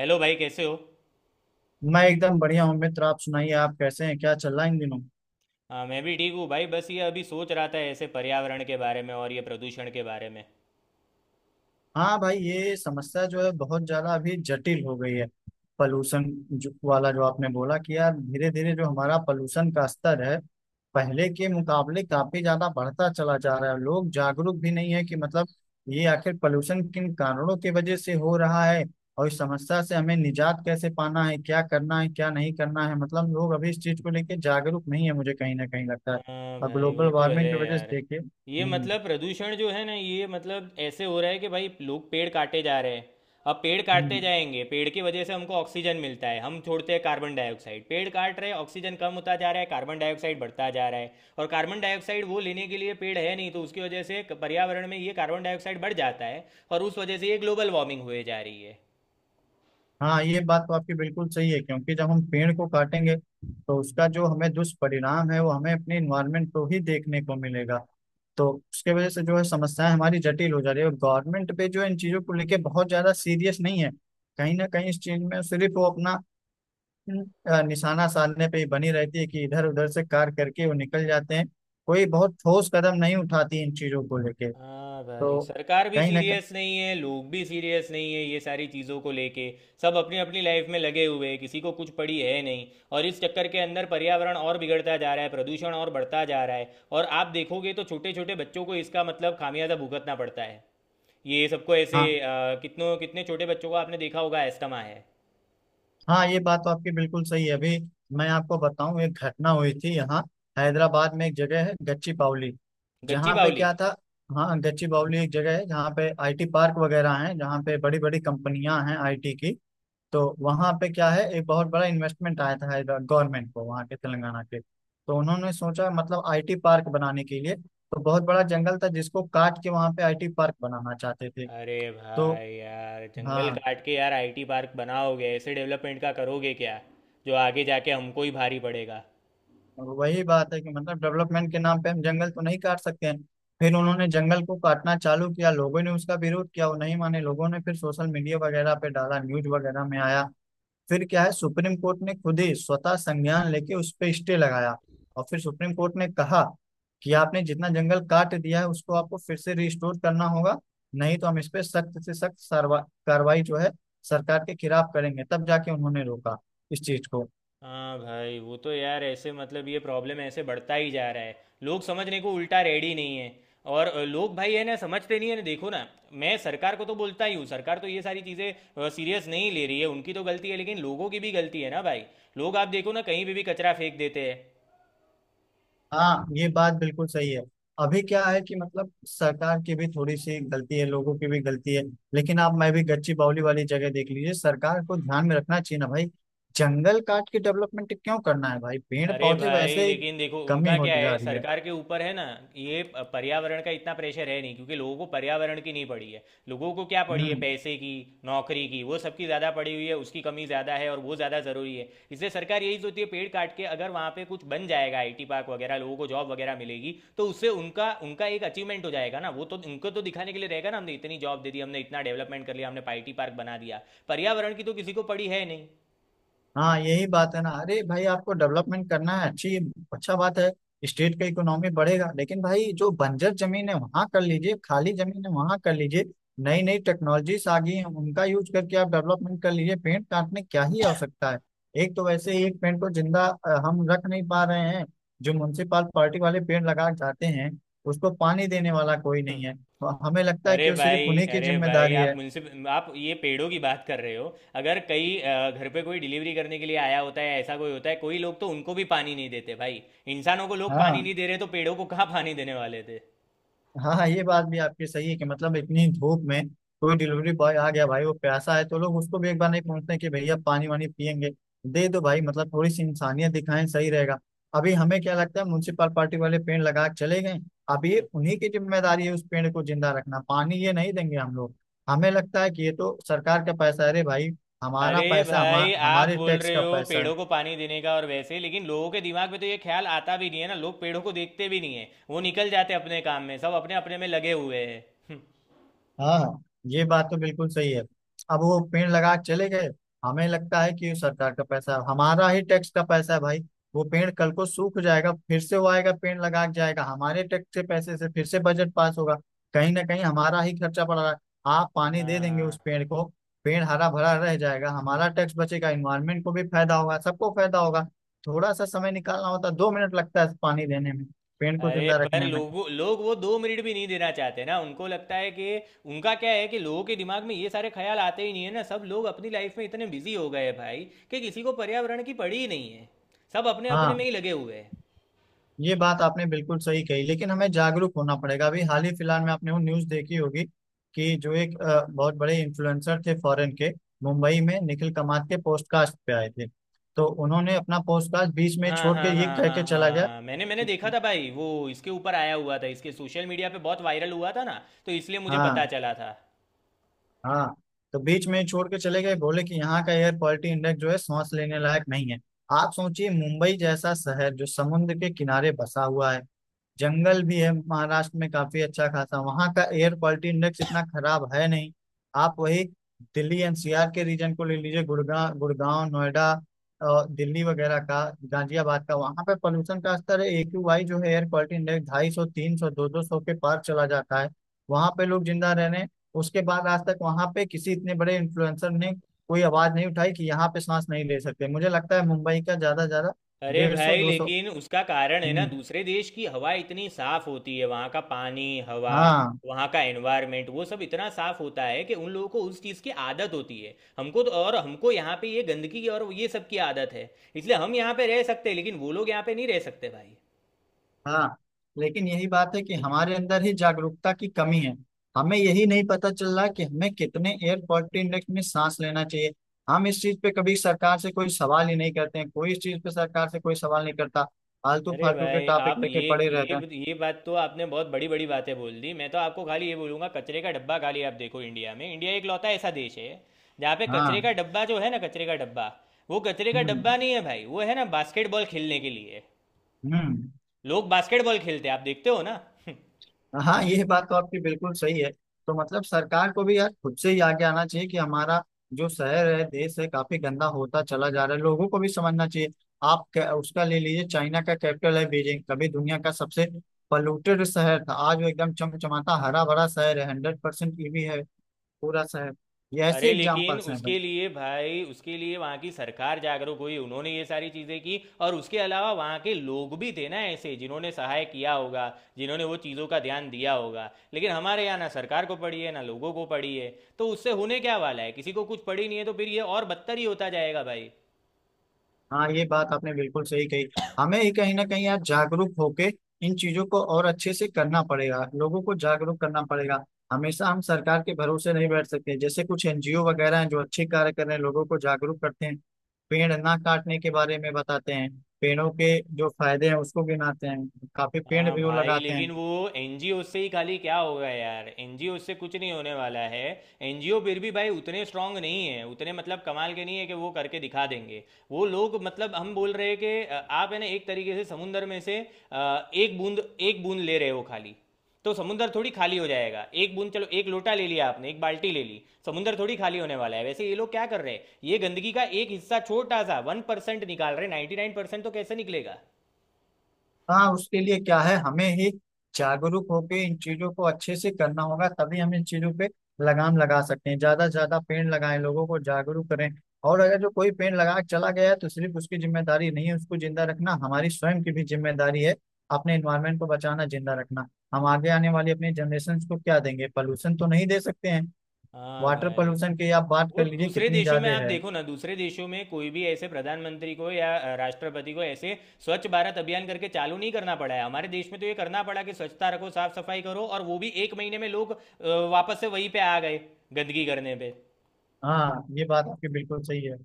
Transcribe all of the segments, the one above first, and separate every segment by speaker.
Speaker 1: Hello भाई कैसे हो।
Speaker 2: मैं एकदम बढ़िया हूँ मित्र। आप सुनाइए, आप कैसे हैं? क्या चल रहा है इन दिनों?
Speaker 1: हाँ मैं भी ठीक हूँ भाई। बस ये अभी सोच रहा था ऐसे पर्यावरण के बारे में और ये प्रदूषण के बारे में।
Speaker 2: हाँ भाई, ये समस्या जो है बहुत ज्यादा अभी जटिल हो गई है। पॉल्यूशन जो वाला जो आपने बोला कि यार धीरे धीरे जो हमारा पॉल्यूशन का स्तर है पहले के मुकाबले काफी ज्यादा बढ़ता चला जा रहा है। लोग जागरूक भी नहीं है कि मतलब ये आखिर पॉल्यूशन किन कारणों की वजह से हो रहा है, और इस समस्या से हमें निजात कैसे पाना है, क्या करना है, क्या नहीं करना है। मतलब लोग अभी इस चीज को लेके जागरूक नहीं है, मुझे कहीं ना कहीं लगता है।
Speaker 1: हाँ
Speaker 2: और
Speaker 1: भाई वो
Speaker 2: ग्लोबल
Speaker 1: तो
Speaker 2: वार्मिंग की
Speaker 1: है
Speaker 2: वजह से
Speaker 1: यार।
Speaker 2: देखिए।
Speaker 1: ये
Speaker 2: हम्म।
Speaker 1: मतलब प्रदूषण जो है ना, ये मतलब ऐसे हो रहा है कि भाई लोग पेड़ काटे जा रहे हैं। अब पेड़ काटते
Speaker 2: हम्म।
Speaker 1: जाएंगे, पेड़ की वजह से हमको ऑक्सीजन मिलता है, हम छोड़ते हैं कार्बन डाइऑक्साइड। पेड़ काट रहे हैं, ऑक्सीजन कम होता जा रहा है, कार्बन डाइऑक्साइड बढ़ता जा रहा है। और कार्बन डाइऑक्साइड वो लेने के लिए पेड़ है नहीं, तो उसकी वजह से पर्यावरण में ये कार्बन डाइऑक्साइड बढ़ जाता है और उस वजह से ये ग्लोबल वार्मिंग हुए जा रही है।
Speaker 2: हाँ, ये बात तो आपकी बिल्कुल सही है क्योंकि जब हम पेड़ को काटेंगे तो उसका जो हमें दुष्परिणाम है वो हमें अपने इन्वायरमेंट को ही देखने को मिलेगा। तो उसके वजह से जो है समस्याएं हमारी जटिल हो जा रही है। गवर्नमेंट पे जो है इन चीजों को लेके बहुत ज्यादा सीरियस नहीं है। कहीं ना कहीं इस चीज में सिर्फ वो अपना निशाना साधने पे ही बनी रहती है कि इधर उधर से कार करके वो निकल जाते हैं। कोई बहुत ठोस कदम नहीं उठाती इन चीजों को लेके।
Speaker 1: हाँ भाई,
Speaker 2: तो
Speaker 1: सरकार भी
Speaker 2: कहीं ना कहीं।
Speaker 1: सीरियस नहीं है, लोग भी सीरियस नहीं है, ये सारी चीज़ों को लेके। सब अपनी अपनी लाइफ में लगे हुए हैं, किसी को कुछ पड़ी है नहीं। और इस चक्कर के अंदर पर्यावरण और बिगड़ता जा रहा है, प्रदूषण और बढ़ता जा रहा है। और आप देखोगे तो छोटे छोटे बच्चों को इसका मतलब खामियाजा भुगतना पड़ता है। ये सबको ऐसे
Speaker 2: हाँ
Speaker 1: कितनों कितने छोटे बच्चों को आपने देखा होगा, एस्थमा है।
Speaker 2: हाँ, ये बात तो आपकी बिल्कुल सही है अभी। मैं आपको बताऊं, एक घटना हुई थी यहाँ। हैदराबाद में एक जगह है गच्ची बावली,
Speaker 1: गच्ची
Speaker 2: जहाँ पे
Speaker 1: बावली।
Speaker 2: क्या था। हाँ, गच्ची बावली एक जगह है जहाँ पे आईटी पार्क वगैरह हैं, जहाँ पे बड़ी बड़ी कंपनियां हैं आईटी की। तो वहाँ पे क्या है, एक बहुत बड़ा इन्वेस्टमेंट आया था हैदराबाद गवर्नमेंट को, वहाँ के तेलंगाना के। तो उन्होंने सोचा मतलब आईटी पार्क बनाने के लिए, तो बहुत बड़ा जंगल था जिसको काट के वहाँ पे आईटी पार्क बनाना चाहते थे।
Speaker 1: अरे
Speaker 2: तो
Speaker 1: भाई यार, जंगल
Speaker 2: हाँ,
Speaker 1: काट के यार आईटी पार्क बनाओगे, ऐसे डेवलपमेंट का करोगे क्या? जो आगे जाके हमको ही भारी पड़ेगा।
Speaker 2: और वही बात है कि मतलब डेवलपमेंट के नाम पे हम जंगल तो नहीं काट सकते हैं। फिर उन्होंने जंगल को काटना चालू किया, लोगों ने उसका विरोध किया, वो नहीं माने। लोगों ने फिर सोशल मीडिया वगैरह पे डाला, न्यूज वगैरह में आया, फिर क्या है, सुप्रीम कोर्ट ने खुद ही स्वतः संज्ञान लेके उस पे स्टे लगाया। और फिर सुप्रीम कोर्ट ने कहा कि आपने जितना जंगल काट दिया है उसको आपको फिर से रिस्टोर करना होगा, नहीं तो हम इस पे सख्त से सख्त कार्रवाई जो है सरकार के खिलाफ करेंगे। तब जाके उन्होंने रोका इस चीज को।
Speaker 1: हाँ भाई वो तो यार, ऐसे मतलब ये प्रॉब्लम ऐसे बढ़ता ही जा रहा है। लोग समझने को उल्टा रेडी नहीं है। और लोग भाई है ना, समझते नहीं है ना, देखो ना। मैं सरकार को तो बोलता ही हूँ, सरकार तो ये सारी चीज़ें सीरियस नहीं ले रही है, उनकी तो गलती है, लेकिन लोगों की भी गलती है ना भाई। लोग आप देखो ना, कहीं पे भी कचरा फेंक देते हैं।
Speaker 2: हाँ, ये बात बिल्कुल सही है। अभी क्या है कि मतलब सरकार की भी थोड़ी सी गलती है, लोगों की भी गलती है। लेकिन आप मैं भी, गच्ची बावली वाली जगह देख लीजिए, सरकार को ध्यान में रखना चाहिए ना भाई। जंगल काट के डेवलपमेंट क्यों करना है भाई? पेड़
Speaker 1: अरे
Speaker 2: पौधे
Speaker 1: भाई
Speaker 2: वैसे ही
Speaker 1: लेकिन देखो
Speaker 2: कमी
Speaker 1: उनका क्या
Speaker 2: होती जा
Speaker 1: है,
Speaker 2: रही है।
Speaker 1: सरकार के ऊपर है ना, ये पर्यावरण का इतना प्रेशर है नहीं, क्योंकि लोगों को पर्यावरण की नहीं पड़ी है। लोगों को क्या पड़ी है?
Speaker 2: हम्म।
Speaker 1: पैसे की, नौकरी की। वो सबकी ज़्यादा पड़ी हुई है, उसकी कमी ज़्यादा है और वो ज़्यादा ज़रूरी है। इसलिए सरकार यही सोचती है, पेड़ काट के अगर वहाँ पे कुछ बन जाएगा आईटी पार्क वगैरह, लोगों को जॉब वगैरह मिलेगी, तो उससे उनका उनका एक अचीवमेंट हो जाएगा ना। वो तो उनको तो दिखाने के लिए रहेगा ना, हमने इतनी जॉब दे दी, हमने इतना डेवलपमेंट कर लिया, हमने आईटी पार्क बना दिया। पर्यावरण की तो किसी को पड़ी है नहीं। हम्म।
Speaker 2: हाँ, यही बात है ना। अरे भाई आपको डेवलपमेंट करना है, अच्छी अच्छा बात है। स्टेट का इकोनॉमी बढ़ेगा, लेकिन भाई जो बंजर जमीन है वहां कर लीजिए, खाली जमीन है वहां कर लीजिए। नई नई टेक्नोलॉजीज आ गई हैं, उनका यूज करके आप डेवलपमेंट कर लीजिए। पेड़ काटने क्या ही आवश्यकता है? एक तो वैसे ही एक पेड़ को जिंदा हम रख नहीं पा रहे हैं। जो म्युनिसिपाल पार्टी वाले पेड़ लगा के जाते हैं उसको पानी देने वाला कोई नहीं है, और हमें लगता है
Speaker 1: अरे
Speaker 2: कि वो
Speaker 1: भाई
Speaker 2: सिर्फ उन्हीं की
Speaker 1: अरे भाई,
Speaker 2: जिम्मेदारी
Speaker 1: आप
Speaker 2: है।
Speaker 1: मुझसे, आप ये पेड़ों की बात कर रहे हो। अगर कई घर पे कोई डिलीवरी करने के लिए आया होता है, ऐसा कोई होता है कोई, लोग तो उनको भी पानी नहीं देते भाई। इंसानों को लोग पानी नहीं
Speaker 2: हाँ
Speaker 1: दे रहे, तो पेड़ों को कहाँ पानी देने वाले थे।
Speaker 2: हाँ। हाँ, ये बात भी आपकी सही है कि मतलब इतनी धूप में कोई डिलीवरी बॉय आ गया भाई वो प्यासा है, तो लोग उसको भी एक बार नहीं पूछते कि भैया पानी वानी पियेंगे, दे दो भाई। मतलब थोड़ी सी इंसानियत दिखाएं, सही रहेगा। अभी हमें क्या लगता है, म्यूनसिपल पार्टी वाले पेड़ लगा के चले गए, अब ये उन्हीं की जिम्मेदारी है उस पेड़ को जिंदा रखना, पानी ये नहीं देंगे हम लोग। हमें लगता है कि ये तो सरकार का पैसा है। अरे भाई हमारा
Speaker 1: अरे
Speaker 2: पैसा,
Speaker 1: भाई आप
Speaker 2: हमारे
Speaker 1: बोल
Speaker 2: टैक्स
Speaker 1: रहे
Speaker 2: का
Speaker 1: हो
Speaker 2: पैसा है।
Speaker 1: पेड़ों को पानी देने का। और वैसे लेकिन लोगों के दिमाग में तो ये ख्याल आता भी नहीं है ना। लोग पेड़ों को देखते भी नहीं है, वो निकल जाते अपने काम में, सब अपने अपने में लगे हुए हैं।
Speaker 2: हाँ हाँ, ये बात तो बिल्कुल सही है। अब वो पेड़ लगा के चले गए, हमें लगता है कि ये सरकार का पैसा है, हमारा ही टैक्स का पैसा है भाई। वो पेड़ कल को सूख जाएगा, फिर से वो आएगा पेड़ लगा के जाएगा हमारे टैक्स के पैसे से, फिर से बजट पास होगा। कहीं ना कहीं हमारा ही खर्चा पड़ रहा है। आप
Speaker 1: हाँ
Speaker 2: पानी दे देंगे उस
Speaker 1: हाँ।
Speaker 2: पेड़ को, पेड़ हरा भरा रह जाएगा, हमारा टैक्स बचेगा, इन्वायरमेंट को भी फायदा होगा, सबको फायदा होगा। थोड़ा सा समय निकालना होता है, 2 मिनट लगता है पानी देने में, पेड़ को
Speaker 1: अरे
Speaker 2: जिंदा
Speaker 1: पर
Speaker 2: रखने में।
Speaker 1: लोग वो 2 मिनट भी नहीं देना चाहते ना, उनको लगता है कि उनका क्या है, कि लोगों के दिमाग में ये सारे ख्याल आते ही नहीं है ना। सब लोग अपनी लाइफ में इतने बिजी हो गए हैं भाई कि किसी को पर्यावरण की पड़ी ही नहीं है। सब अपने अपने में
Speaker 2: हाँ,
Speaker 1: ही लगे हुए हैं।
Speaker 2: ये बात आपने बिल्कुल सही कही। लेकिन हमें जागरूक होना पड़ेगा। अभी हाल ही फिलहाल में आपने वो न्यूज़ देखी होगी कि जो एक बहुत बड़े इन्फ्लुएंसर थे फॉरेन के, मुंबई में निखिल कमात के पॉडकास्ट पे आए थे, तो उन्होंने अपना पॉडकास्ट बीच में
Speaker 1: हाँ
Speaker 2: छोड़ के
Speaker 1: हाँ
Speaker 2: ये
Speaker 1: हाँ
Speaker 2: कह के
Speaker 1: हाँ
Speaker 2: चला गया
Speaker 1: हाँ, मैंने मैंने
Speaker 2: कि।
Speaker 1: देखा था भाई, वो इसके ऊपर आया हुआ था, इसके सोशल मीडिया पे बहुत वायरल हुआ था ना, तो इसलिए मुझे पता
Speaker 2: हाँ।
Speaker 1: चला था।
Speaker 2: हाँ। तो बीच में छोड़ के चले गए, बोले कि यहाँ का एयर क्वालिटी इंडेक्स जो है सांस लेने लायक नहीं है। आप सोचिए, मुंबई जैसा शहर जो समुद्र के किनारे बसा हुआ है, जंगल भी है महाराष्ट्र में काफी अच्छा खासा, वहाँ का एयर क्वालिटी इंडेक्स इतना खराब है नहीं। आप वही दिल्ली एनसीआर के रीजन को ले लीजिए, गुड़गांव गुड़गांव नोएडा और दिल्ली वगैरह का, गाजियाबाद का, वहाँ पे पोल्यूशन का स्तर है एक्यूआई जो है एयर क्वालिटी इंडेक्स 250, 300, दो दो सौ के पार चला जाता है। वहाँ पे लोग जिंदा रह रहे हैं। उसके बाद आज तक वहाँ पे किसी इतने बड़े इन्फ्लुएंसर ने कोई आवाज नहीं उठाई कि यहाँ पे सांस नहीं ले सकते। मुझे लगता है मुंबई का ज्यादा ज्यादा
Speaker 1: अरे
Speaker 2: 150,
Speaker 1: भाई
Speaker 2: 200।
Speaker 1: लेकिन उसका कारण है ना,
Speaker 2: हम्म।
Speaker 1: दूसरे देश की हवा इतनी साफ होती है, वहाँ का पानी, हवा,
Speaker 2: हाँ।
Speaker 1: वहाँ का एनवायरनमेंट, वो सब इतना साफ होता है कि उन लोगों को उस चीज़ की आदत होती है। हमको तो, और हमको यहाँ पे ये गंदगी और ये सब की आदत है, इसलिए हम यहाँ पे रह सकते हैं, लेकिन वो लोग यहाँ पे नहीं रह सकते भाई।
Speaker 2: हाँ। लेकिन यही बात है कि हमारे अंदर ही जागरूकता की कमी है, हमें यही नहीं पता चल रहा कि हमें कितने एयर क्वालिटी इंडेक्स में सांस लेना चाहिए। हम इस चीज पे कभी सरकार से कोई सवाल ही नहीं करते हैं, कोई इस चीज पे सरकार से कोई सवाल नहीं करता। फालतू
Speaker 1: अरे
Speaker 2: फालतू के
Speaker 1: भाई
Speaker 2: टॉपिक
Speaker 1: आप
Speaker 2: लेके पड़े रहते हैं।
Speaker 1: ये बात, तो आपने बहुत बड़ी बड़ी बातें बोल दी। मैं तो आपको खाली ये बोलूंगा, कचरे का डब्बा। खाली आप देखो इंडिया में, इंडिया एक लौता ऐसा देश है जहाँ पे कचरे
Speaker 2: हाँ।
Speaker 1: का डब्बा जो है ना, कचरे का डब्बा वो कचरे का
Speaker 2: हम्म।
Speaker 1: डब्बा नहीं है भाई, वो है ना बास्केटबॉल खेलने के लिए।
Speaker 2: हम्म।
Speaker 1: लोग बास्केटबॉल खेलते हैं, आप देखते हो ना।
Speaker 2: हाँ, ये बात तो आपकी बिल्कुल सही है। तो मतलब सरकार को भी यार खुद से ही आगे आना चाहिए कि हमारा जो शहर है देश है काफी गंदा होता चला जा रहा है, लोगों को भी समझना चाहिए। आप उसका ले लीजिए, चाइना का कैपिटल है बीजिंग, कभी दुनिया का सबसे पॉल्यूटेड शहर था, आज वो एकदम चमचमाता हरा भरा शहर है। 100% ईवी है पूरा शहर। ये ऐसे
Speaker 1: अरे लेकिन
Speaker 2: एग्जाम्पल्स हैं।
Speaker 1: उसके लिए भाई, उसके लिए वहाँ की सरकार जागरूक हुई, उन्होंने ये सारी चीज़ें की, और उसके अलावा वहाँ के लोग भी थे ना ऐसे जिन्होंने सहाय किया होगा, जिन्होंने वो चीज़ों का ध्यान दिया होगा। लेकिन हमारे यहाँ ना सरकार को पड़ी है ना लोगों को पड़ी है, तो उससे होने क्या वाला है? किसी को कुछ पड़ी नहीं है, तो फिर ये और बदतर ही होता जाएगा भाई।
Speaker 2: हाँ, ये बात आपने बिल्कुल सही कही। हमें ही कहीं ना कहीं आज जागरूक होके इन चीजों को और अच्छे से करना पड़ेगा, लोगों को जागरूक करना पड़ेगा। हमेशा हम सरकार के भरोसे नहीं बैठ सकते, जैसे कुछ एनजीओ वगैरह हैं जो अच्छे कार्य कर रहे हैं, लोगों को जागरूक करते हैं, पेड़ ना काटने के बारे में बताते हैं, पेड़ों के जो फायदे हैं उसको गिनाते हैं, काफी पेड़
Speaker 1: हाँ
Speaker 2: भी वो
Speaker 1: भाई
Speaker 2: लगाते हैं।
Speaker 1: लेकिन वो एनजीओ से ही खाली क्या होगा यार, एनजीओ से कुछ नहीं होने वाला है। एनजीओ फिर भी भाई उतने स्ट्रांग नहीं है, उतने मतलब कमाल के नहीं है कि वो करके दिखा देंगे। वो लोग, मतलब हम बोल रहे हैं कि आप है ना, एक तरीके से समुंदर में से एक बूंद ले रहे हो खाली। तो समुंदर थोड़ी खाली हो जाएगा, एक बूंद, चलो एक लोटा ले लिया आपने, एक बाल्टी ले ली, समुंदर थोड़ी खाली होने वाला है। वैसे ये लोग क्या कर रहे हैं, ये गंदगी का एक हिस्सा छोटा सा 1% निकाल रहे हैं, 99% तो कैसे निकलेगा।
Speaker 2: हाँ। उसके लिए क्या है, हमें ही जागरूक होकर इन चीजों को अच्छे से करना होगा, तभी हम इन चीजों पे लगाम लगा सकते हैं। ज्यादा से ज्यादा पेड़ लगाएं, लोगों को जागरूक करें। और अगर जो कोई पेड़ लगा के चला गया है तो सिर्फ उसकी जिम्मेदारी नहीं है उसको जिंदा रखना, हमारी स्वयं की भी जिम्मेदारी है अपने इन्वायरमेंट को बचाना, जिंदा रखना। हम आगे आने वाली अपनी जनरेशन को क्या देंगे? पोल्यूशन तो नहीं दे सकते हैं।
Speaker 1: हाँ
Speaker 2: वाटर
Speaker 1: भाई।
Speaker 2: पोल्यूशन की आप बात कर
Speaker 1: वो
Speaker 2: लीजिए,
Speaker 1: दूसरे
Speaker 2: कितनी
Speaker 1: देशों में
Speaker 2: ज्यादा
Speaker 1: आप
Speaker 2: है।
Speaker 1: देखो ना, दूसरे देशों में कोई भी ऐसे प्रधानमंत्री को या राष्ट्रपति को ऐसे स्वच्छ भारत अभियान करके चालू नहीं करना पड़ा है। हमारे देश में तो ये करना पड़ा कि स्वच्छता रखो, साफ सफाई करो, और वो भी एक महीने में लोग वापस से वहीं पे आ गए गंदगी करने पे।
Speaker 2: हाँ, ये बात आपकी बिल्कुल सही है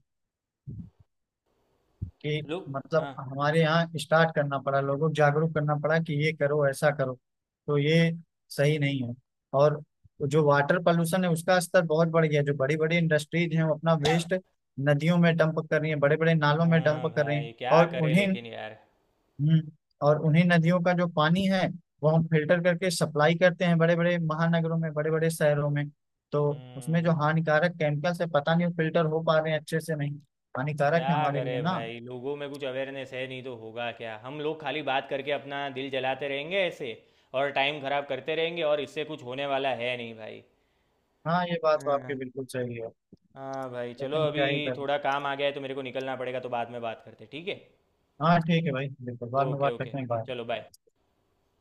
Speaker 2: कि
Speaker 1: लोग।
Speaker 2: मतलब
Speaker 1: हाँ।
Speaker 2: हमारे यहाँ स्टार्ट करना पड़ा, लोगों को जागरूक करना पड़ा कि ये करो, ऐसा करो। तो ये सही नहीं है। और जो वाटर पोल्यूशन है उसका स्तर बहुत बढ़ गया। जो बड़ी बड़ी इंडस्ट्रीज हैं वो अपना वेस्ट नदियों में डंप कर रही हैं, बड़े बड़े नालों में डंप
Speaker 1: हाँ
Speaker 2: कर रही हैं।
Speaker 1: भाई क्या
Speaker 2: और
Speaker 1: करे
Speaker 2: उन्हीं।
Speaker 1: लेकिन यार।
Speaker 2: हम्म, और उन्हीं नदियों का जो पानी है वो हम फिल्टर करके सप्लाई करते हैं बड़े बड़े महानगरों में, बड़े बड़े शहरों में। तो उसमें जो
Speaker 1: हम्म
Speaker 2: हानिकारक केमिकल्स है पता नहीं फिल्टर हो पा रहे हैं अच्छे से नहीं। हानिकारक है
Speaker 1: क्या
Speaker 2: हमारे लिए
Speaker 1: करे
Speaker 2: ना।
Speaker 1: भाई, लोगों में कुछ अवेयरनेस है नहीं, तो होगा क्या? हम लोग खाली बात करके अपना दिल जलाते रहेंगे ऐसे, और टाइम खराब करते रहेंगे, और इससे कुछ होने वाला है नहीं भाई।
Speaker 2: हाँ, ये बात तो
Speaker 1: हाँ।
Speaker 2: आपकी बिल्कुल सही है।
Speaker 1: हाँ भाई चलो,
Speaker 2: लेकिन
Speaker 1: अभी
Speaker 2: क्या ही कर।
Speaker 1: थोड़ा काम आ गया है तो मेरे को निकलना पड़ेगा, तो बाद में बात करते हैं, ठीक है।
Speaker 2: हाँ ठीक है भाई, बिल्कुल बाद में
Speaker 1: ओके
Speaker 2: बात
Speaker 1: ओके।
Speaker 2: करते हैं। बाय।
Speaker 1: चलो बाय।